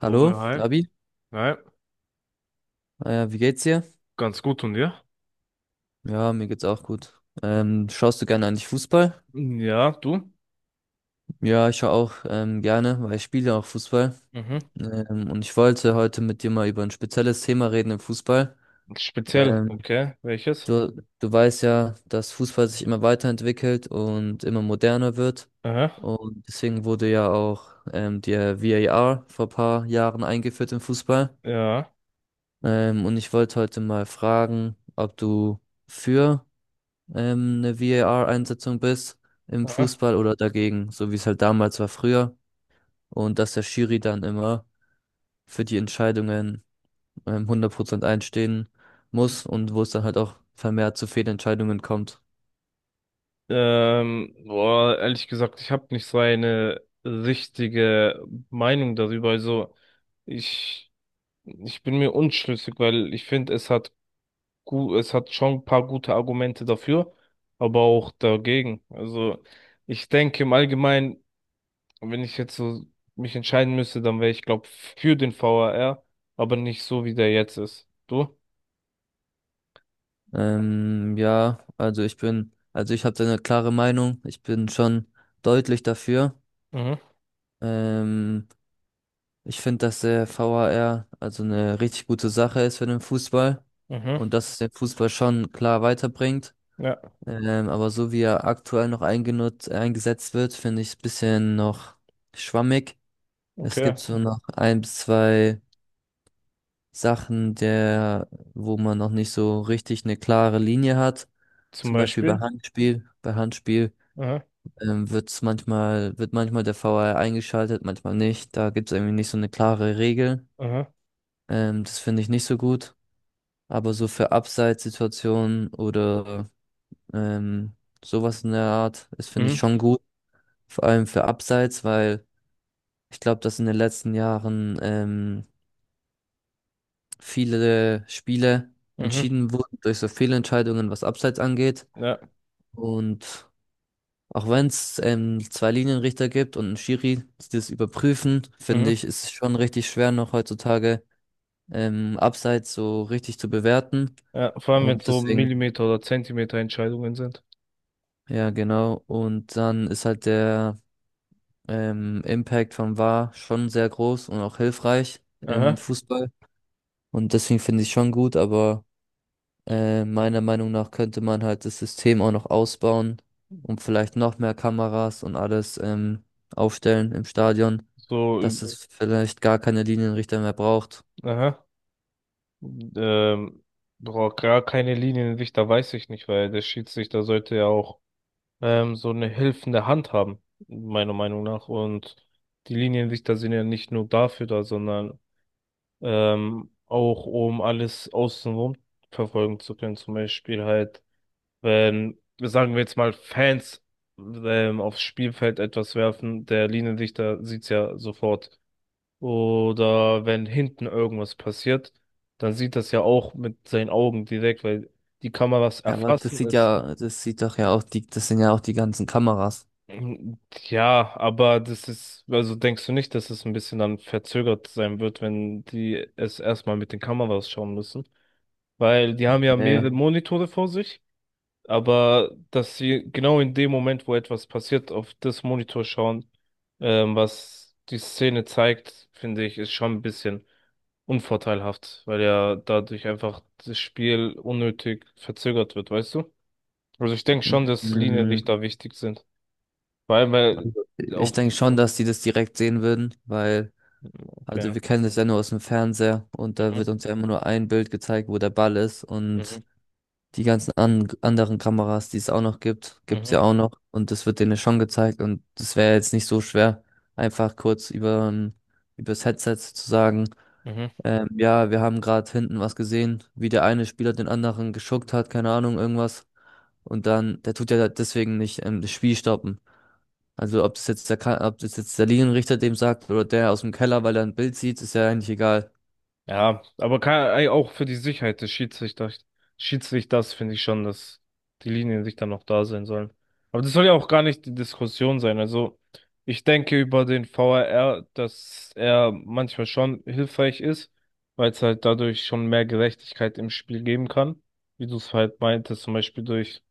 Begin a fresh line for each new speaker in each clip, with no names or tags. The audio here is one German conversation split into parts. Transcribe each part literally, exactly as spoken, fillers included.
So,
Hallo,
hi.
Labi.
Hi.
Äh, wie geht's dir?
Ganz gut und dir?
Ja, mir geht's auch gut. Ähm, schaust du gerne eigentlich Fußball?
Ja, du?
Ja, ich schaue auch ähm, gerne, weil ich spiele auch Fußball.
Mhm.
Ähm, und ich wollte heute mit dir mal über ein spezielles Thema reden im Fußball.
Speziell,
Ähm,
okay. Welches?
du, du weißt ja, dass Fußball sich immer weiterentwickelt und immer moderner wird.
Aha.
Und deswegen wurde ja auch ähm, der V A R vor ein paar Jahren eingeführt im Fußball.
Ja.
Ähm, und ich wollte heute mal fragen, ob du für ähm, eine V A R-Einsetzung bist im
Aha.
Fußball oder dagegen, so wie es halt damals war früher. Und dass der Schiri dann immer für die Entscheidungen ähm, hundert Prozent einstehen muss und wo es dann halt auch vermehrt zu Fehlentscheidungen kommt.
Ähm, boah, ehrlich gesagt, ich habe nicht so eine richtige Meinung darüber. Also, ich, ich bin mir unschlüssig, weil ich finde, es hat gut, es hat schon ein paar gute Argumente dafür, aber auch dagegen. Also, ich denke im Allgemeinen. Und wenn ich jetzt so mich entscheiden müsste, dann wäre ich, glaube, für den V A R, aber nicht so, wie der jetzt ist. Du?
Ähm, ja, also ich bin, also ich habe da eine klare Meinung. Ich bin schon deutlich dafür.
Mhm,
Ähm, Ich finde, dass der V A R also eine richtig gute Sache ist für den Fußball
mhm,
und dass es den Fußball schon klar weiterbringt.
ja,
Ähm, aber so wie er aktuell noch eingenutzt, eingesetzt wird, finde ich es ein bisschen noch schwammig. Es
okay.
gibt so noch ein bis zwei Sachen, der, wo man noch nicht so richtig eine klare Linie hat.
Zum
Zum Beispiel bei
Beispiel.
Handspiel. Bei Handspiel
Aha,
ähm, wird's manchmal, wird manchmal der V A R eingeschaltet, manchmal nicht. Da gibt es irgendwie nicht so eine klare Regel.
aha,
Ähm, das finde ich nicht so gut. Aber so für Abseitssituationen oder ähm, sowas in der Art, das finde ich
mhm,
schon gut. Vor allem für Abseits, weil ich glaube, dass in den letzten Jahren ähm, viele Spiele
mhm,
entschieden wurden durch so Fehlentscheidungen, was Abseits angeht.
ja.
Und auch wenn es ähm, zwei Linienrichter gibt und einen Schiri, die das überprüfen, finde
Mhm,
ich, ist es schon richtig schwer noch heutzutage ähm, Abseits so richtig zu bewerten.
ja, vor allem wenn es
Und
so
deswegen,
Millimeter- oder Zentimeter-Entscheidungen sind.
ja, genau. Und dann ist halt der ähm, Impact vom V A R schon sehr groß und auch hilfreich im
Aha,
Fußball. Und deswegen finde ich schon gut, aber äh, meiner Meinung nach könnte man halt das System auch noch ausbauen und vielleicht noch mehr Kameras und alles ähm, aufstellen im Stadion,
so,
dass
üb-,
es vielleicht gar keine Linienrichter mehr braucht.
aha, ähm, boah, gar keine Linienrichter weiß ich nicht, weil der Schiedsrichter sollte ja auch ähm, so eine helfende Hand haben, meiner Meinung nach. Und die Linienrichter sind ja nicht nur dafür da, sondern ähm, auch um alles außenrum verfolgen zu können. Zum Beispiel halt, wenn, sagen wir jetzt mal, Fans ähm, aufs Spielfeld etwas werfen, der Linienrichter sieht's ja sofort. Oder wenn hinten irgendwas passiert, dann sieht das ja auch mit seinen Augen direkt, weil die Kameras
Ja, aber das
erfassen
sieht
es.
ja, das sieht doch ja auch die, das sind ja auch die ganzen Kameras.
Ähm, Ja, aber das ist, also denkst du nicht, dass es ein bisschen dann verzögert sein wird, wenn die es erstmal mit den Kameras schauen müssen? Weil die haben ja
Nee.
mehrere Monitore vor sich, aber dass sie genau in dem Moment, wo etwas passiert, auf das Monitor schauen, ähm, was die Szene zeigt, finde ich, ist schon ein bisschen unvorteilhaft, weil ja dadurch einfach das Spiel unnötig verzögert wird, weißt du? Also ich denke schon, dass
Mhm.
Linienrichter wichtig sind. Vor allem, weil
Also, ich
auf,
denke schon, dass die das direkt sehen würden, weil,
okay.
also wir kennen das ja nur aus dem Fernseher und da
Mhm.
wird uns ja immer nur ein Bild gezeigt, wo der Ball ist
Mhm.
und die ganzen an anderen Kameras, die es auch noch gibt, gibt es
Mhm.
ja auch noch. Und das wird denen schon gezeigt. Und das wäre jetzt nicht so schwer, einfach kurz über, übers Headset zu sagen,
Mhm.
ähm, ja, wir haben gerade hinten was gesehen, wie der eine Spieler den anderen geschuckt hat, keine Ahnung, irgendwas. Und dann, der tut ja deswegen nicht ähm, das Spiel stoppen. Also ob das jetzt der, Ka- ob das jetzt der Linienrichter dem sagt oder der aus dem Keller, weil er ein Bild sieht, ist ja eigentlich egal.
Ja, aber kann, ey, auch für die Sicherheit des Schiedsrichters, Schiedsrichters finde ich schon, dass die Linien sich dann noch da sein sollen. Aber das soll ja auch gar nicht die Diskussion sein. Also ich denke über den V A R, dass er manchmal schon hilfreich ist, weil es halt dadurch schon mehr Gerechtigkeit im Spiel geben kann. Wie du es halt meintest, zum Beispiel durch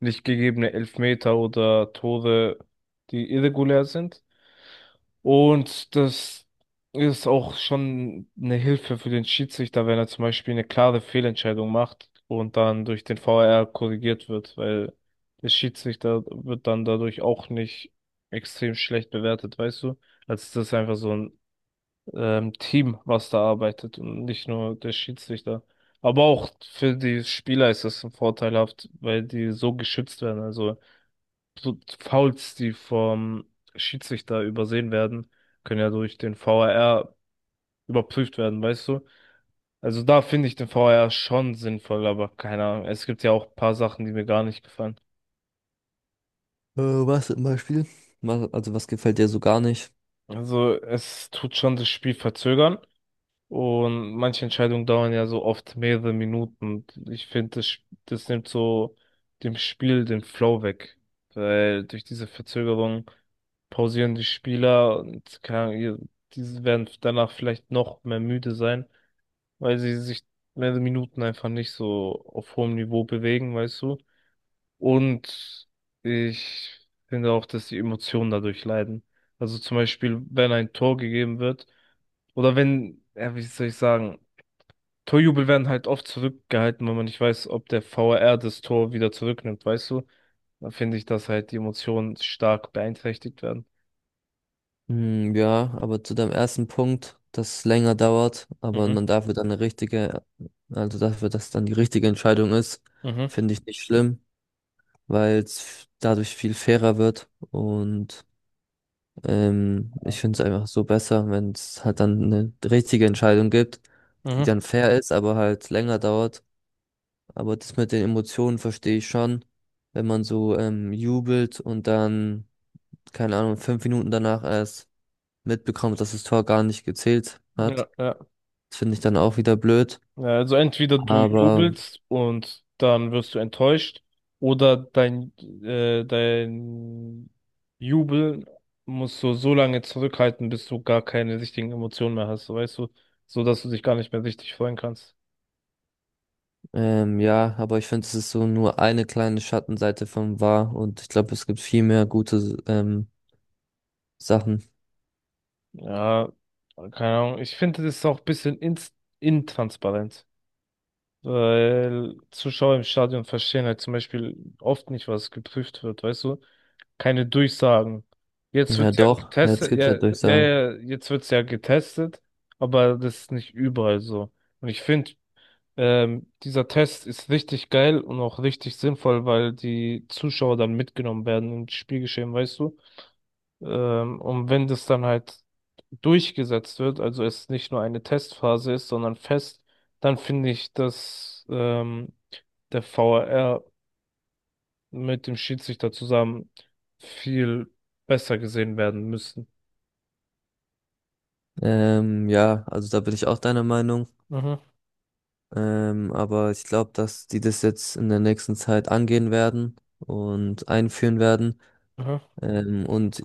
nicht gegebene Elfmeter oder Tore, die irregulär sind. Und das ist auch schon eine Hilfe für den Schiedsrichter, wenn er zum Beispiel eine klare Fehlentscheidung macht und dann durch den V A R korrigiert wird, weil der Schiedsrichter wird dann dadurch auch nicht extrem schlecht bewertet, weißt du? Also das ist einfach so ein ähm, Team, was da arbeitet und nicht nur der Schiedsrichter. Aber auch für die Spieler ist das vorteilhaft, weil die so geschützt werden. Also so Fouls, die vom Schiedsrichter übersehen werden, können ja durch den V A R überprüft werden, weißt du? Also da finde ich den V A R schon sinnvoll, aber keine Ahnung. Es gibt ja auch ein paar Sachen, die mir gar nicht gefallen.
Äh, was zum Beispiel? Was, also was gefällt dir so gar nicht?
Also es tut schon das Spiel verzögern. Und manche Entscheidungen dauern ja so oft mehrere Minuten. Ich finde, das, das nimmt so dem Spiel den Flow weg. Weil durch diese Verzögerung pausieren die Spieler und keine Ahnung, ihr-, diese werden danach vielleicht noch mehr müde sein, weil sie sich mehrere Minuten einfach nicht so auf hohem Niveau bewegen, weißt du. Und ich finde auch, dass die Emotionen dadurch leiden. Also zum Beispiel, wenn ein Tor gegeben wird, oder wenn, ja, wie soll ich sagen, Torjubel werden halt oft zurückgehalten, weil man nicht weiß, ob der V A R das Tor wieder zurücknimmt, weißt du? Da finde ich, dass halt die Emotionen stark beeinträchtigt werden.
Hm, ja, aber zu deinem ersten Punkt, dass es länger dauert, aber
Mhm,
man dafür dann eine richtige, also dafür, dass dann die richtige Entscheidung ist,
mhm,
finde ich nicht schlimm, weil es dadurch viel fairer wird und ähm, ich
ja.
finde es einfach so besser, wenn es halt dann eine richtige Entscheidung gibt, die
Mhm.
dann fair ist, aber halt länger dauert. Aber das mit den Emotionen verstehe ich schon, wenn man so ähm, jubelt und dann, keine Ahnung, fünf Minuten danach erst mitbekommt, dass das Tor gar nicht gezählt
Ja,
hat.
ja.
Das finde ich dann auch wieder blöd.
Ja, also entweder du
Aber
jubelst und dann wirst du enttäuscht, oder dein, äh, dein Jubel musst du so lange zurückhalten, bis du gar keine richtigen Emotionen mehr hast, so weißt du, so dass du dich gar nicht mehr richtig freuen kannst.
ähm, ja, aber ich finde, es ist so nur eine kleine Schattenseite vom V A R und ich glaube, es gibt viel mehr gute ähm, Sachen.
Ja, keine Ahnung. Ich finde, das ist auch ein bisschen ins intransparent, weil Zuschauer im Stadion verstehen halt zum Beispiel oft nicht, was geprüft wird, weißt du? Keine Durchsagen. Jetzt
Ja,
wird's ja
doch, jetzt
getestet,
gibt's ja
ja, ja,
Durchsagen.
ja, jetzt wird's ja getestet, aber das ist nicht überall so. Und ich finde, ähm, dieser Test ist richtig geil und auch richtig sinnvoll, weil die Zuschauer dann mitgenommen werden ins Spielgeschehen, weißt du? Ähm, und wenn das dann halt durchgesetzt wird, also es nicht nur eine Testphase ist, sondern fest, dann finde ich, dass ähm, der V A R mit dem Schiedsrichter zusammen viel besser gesehen werden müssten.
Ähm, ja, also da bin ich auch deiner Meinung.
Mhm,
Ähm, aber ich glaube, dass die das jetzt in der nächsten Zeit angehen werden und einführen werden.
mhm,
Ähm, und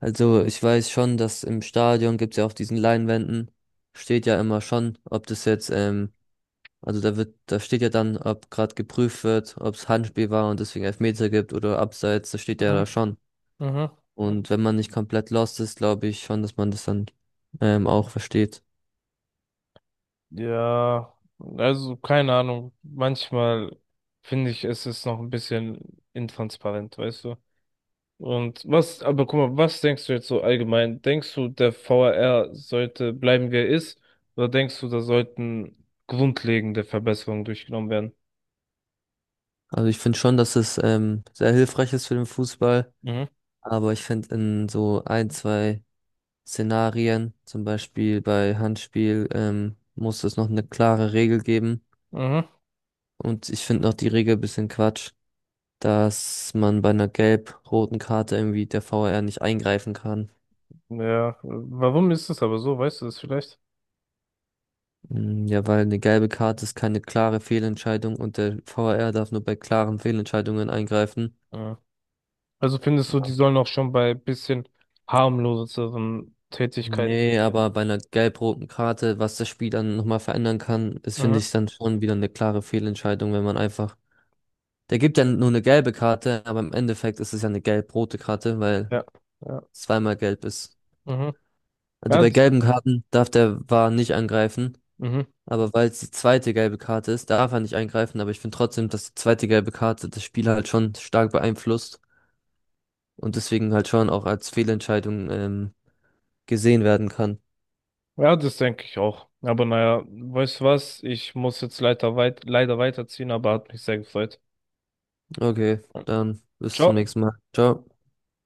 also ich weiß schon, dass im Stadion gibt es ja auf diesen Leinwänden, steht ja immer schon, ob das jetzt, ähm, also da wird, da steht ja dann, ob gerade geprüft wird, ob es Handspiel war und deswegen Elfmeter gibt oder Abseits, das steht ja da
mhm,
schon.
mhm.
Und wenn man nicht komplett lost ist, glaube ich schon, dass man das dann ähm, auch versteht.
Ja, also keine Ahnung. Manchmal finde ich, es ist noch ein bisschen intransparent, weißt du? Und was, aber guck mal, was denkst du jetzt so allgemein? Denkst du, der V A R sollte bleiben, wie er ist? Oder denkst du, da sollten grundlegende Verbesserungen durchgenommen werden?
Also ich finde schon, dass es ähm, sehr hilfreich ist für den Fußball,
Mhm.
aber ich finde in so ein, zwei Szenarien, zum Beispiel bei Handspiel, ähm, muss es noch eine klare Regel geben.
Mhm.
Und ich finde noch die Regel ein bisschen Quatsch, dass man bei einer gelb-roten Karte irgendwie der V A R nicht eingreifen kann.
Ja, warum ist es aber so? Weißt du das vielleicht?
Mm, ja, weil eine gelbe Karte ist keine klare Fehlentscheidung und der V A R darf nur bei klaren Fehlentscheidungen eingreifen.
Mhm. Also findest du, die sollen auch schon bei bisschen harmloseren Tätigkeiten.
Nee, aber bei einer gelb-roten Karte, was das Spiel dann nochmal verändern kann, ist, finde
Mhm.
ich, dann schon wieder eine klare Fehlentscheidung, wenn man einfach. Der gibt ja nur eine gelbe Karte, aber im Endeffekt ist es ja eine gelb-rote Karte, weil
Ja, ja.
zweimal gelb ist.
Mhm.
Also
Ja,
bei
das,
gelben Karten darf der V A R nicht angreifen,
mhm,
aber weil es die zweite gelbe Karte ist, darf er nicht eingreifen, aber ich finde trotzdem, dass die zweite gelbe Karte das Spiel halt schon stark beeinflusst und deswegen halt schon auch als Fehlentscheidung ähm, gesehen werden kann.
ja, das denke ich auch. Aber naja, weißt du was? Ich muss jetzt leider weit, leider weiterziehen, aber hat mich sehr gefreut.
Okay, dann bis zum
Ciao.
nächsten Mal. Ciao.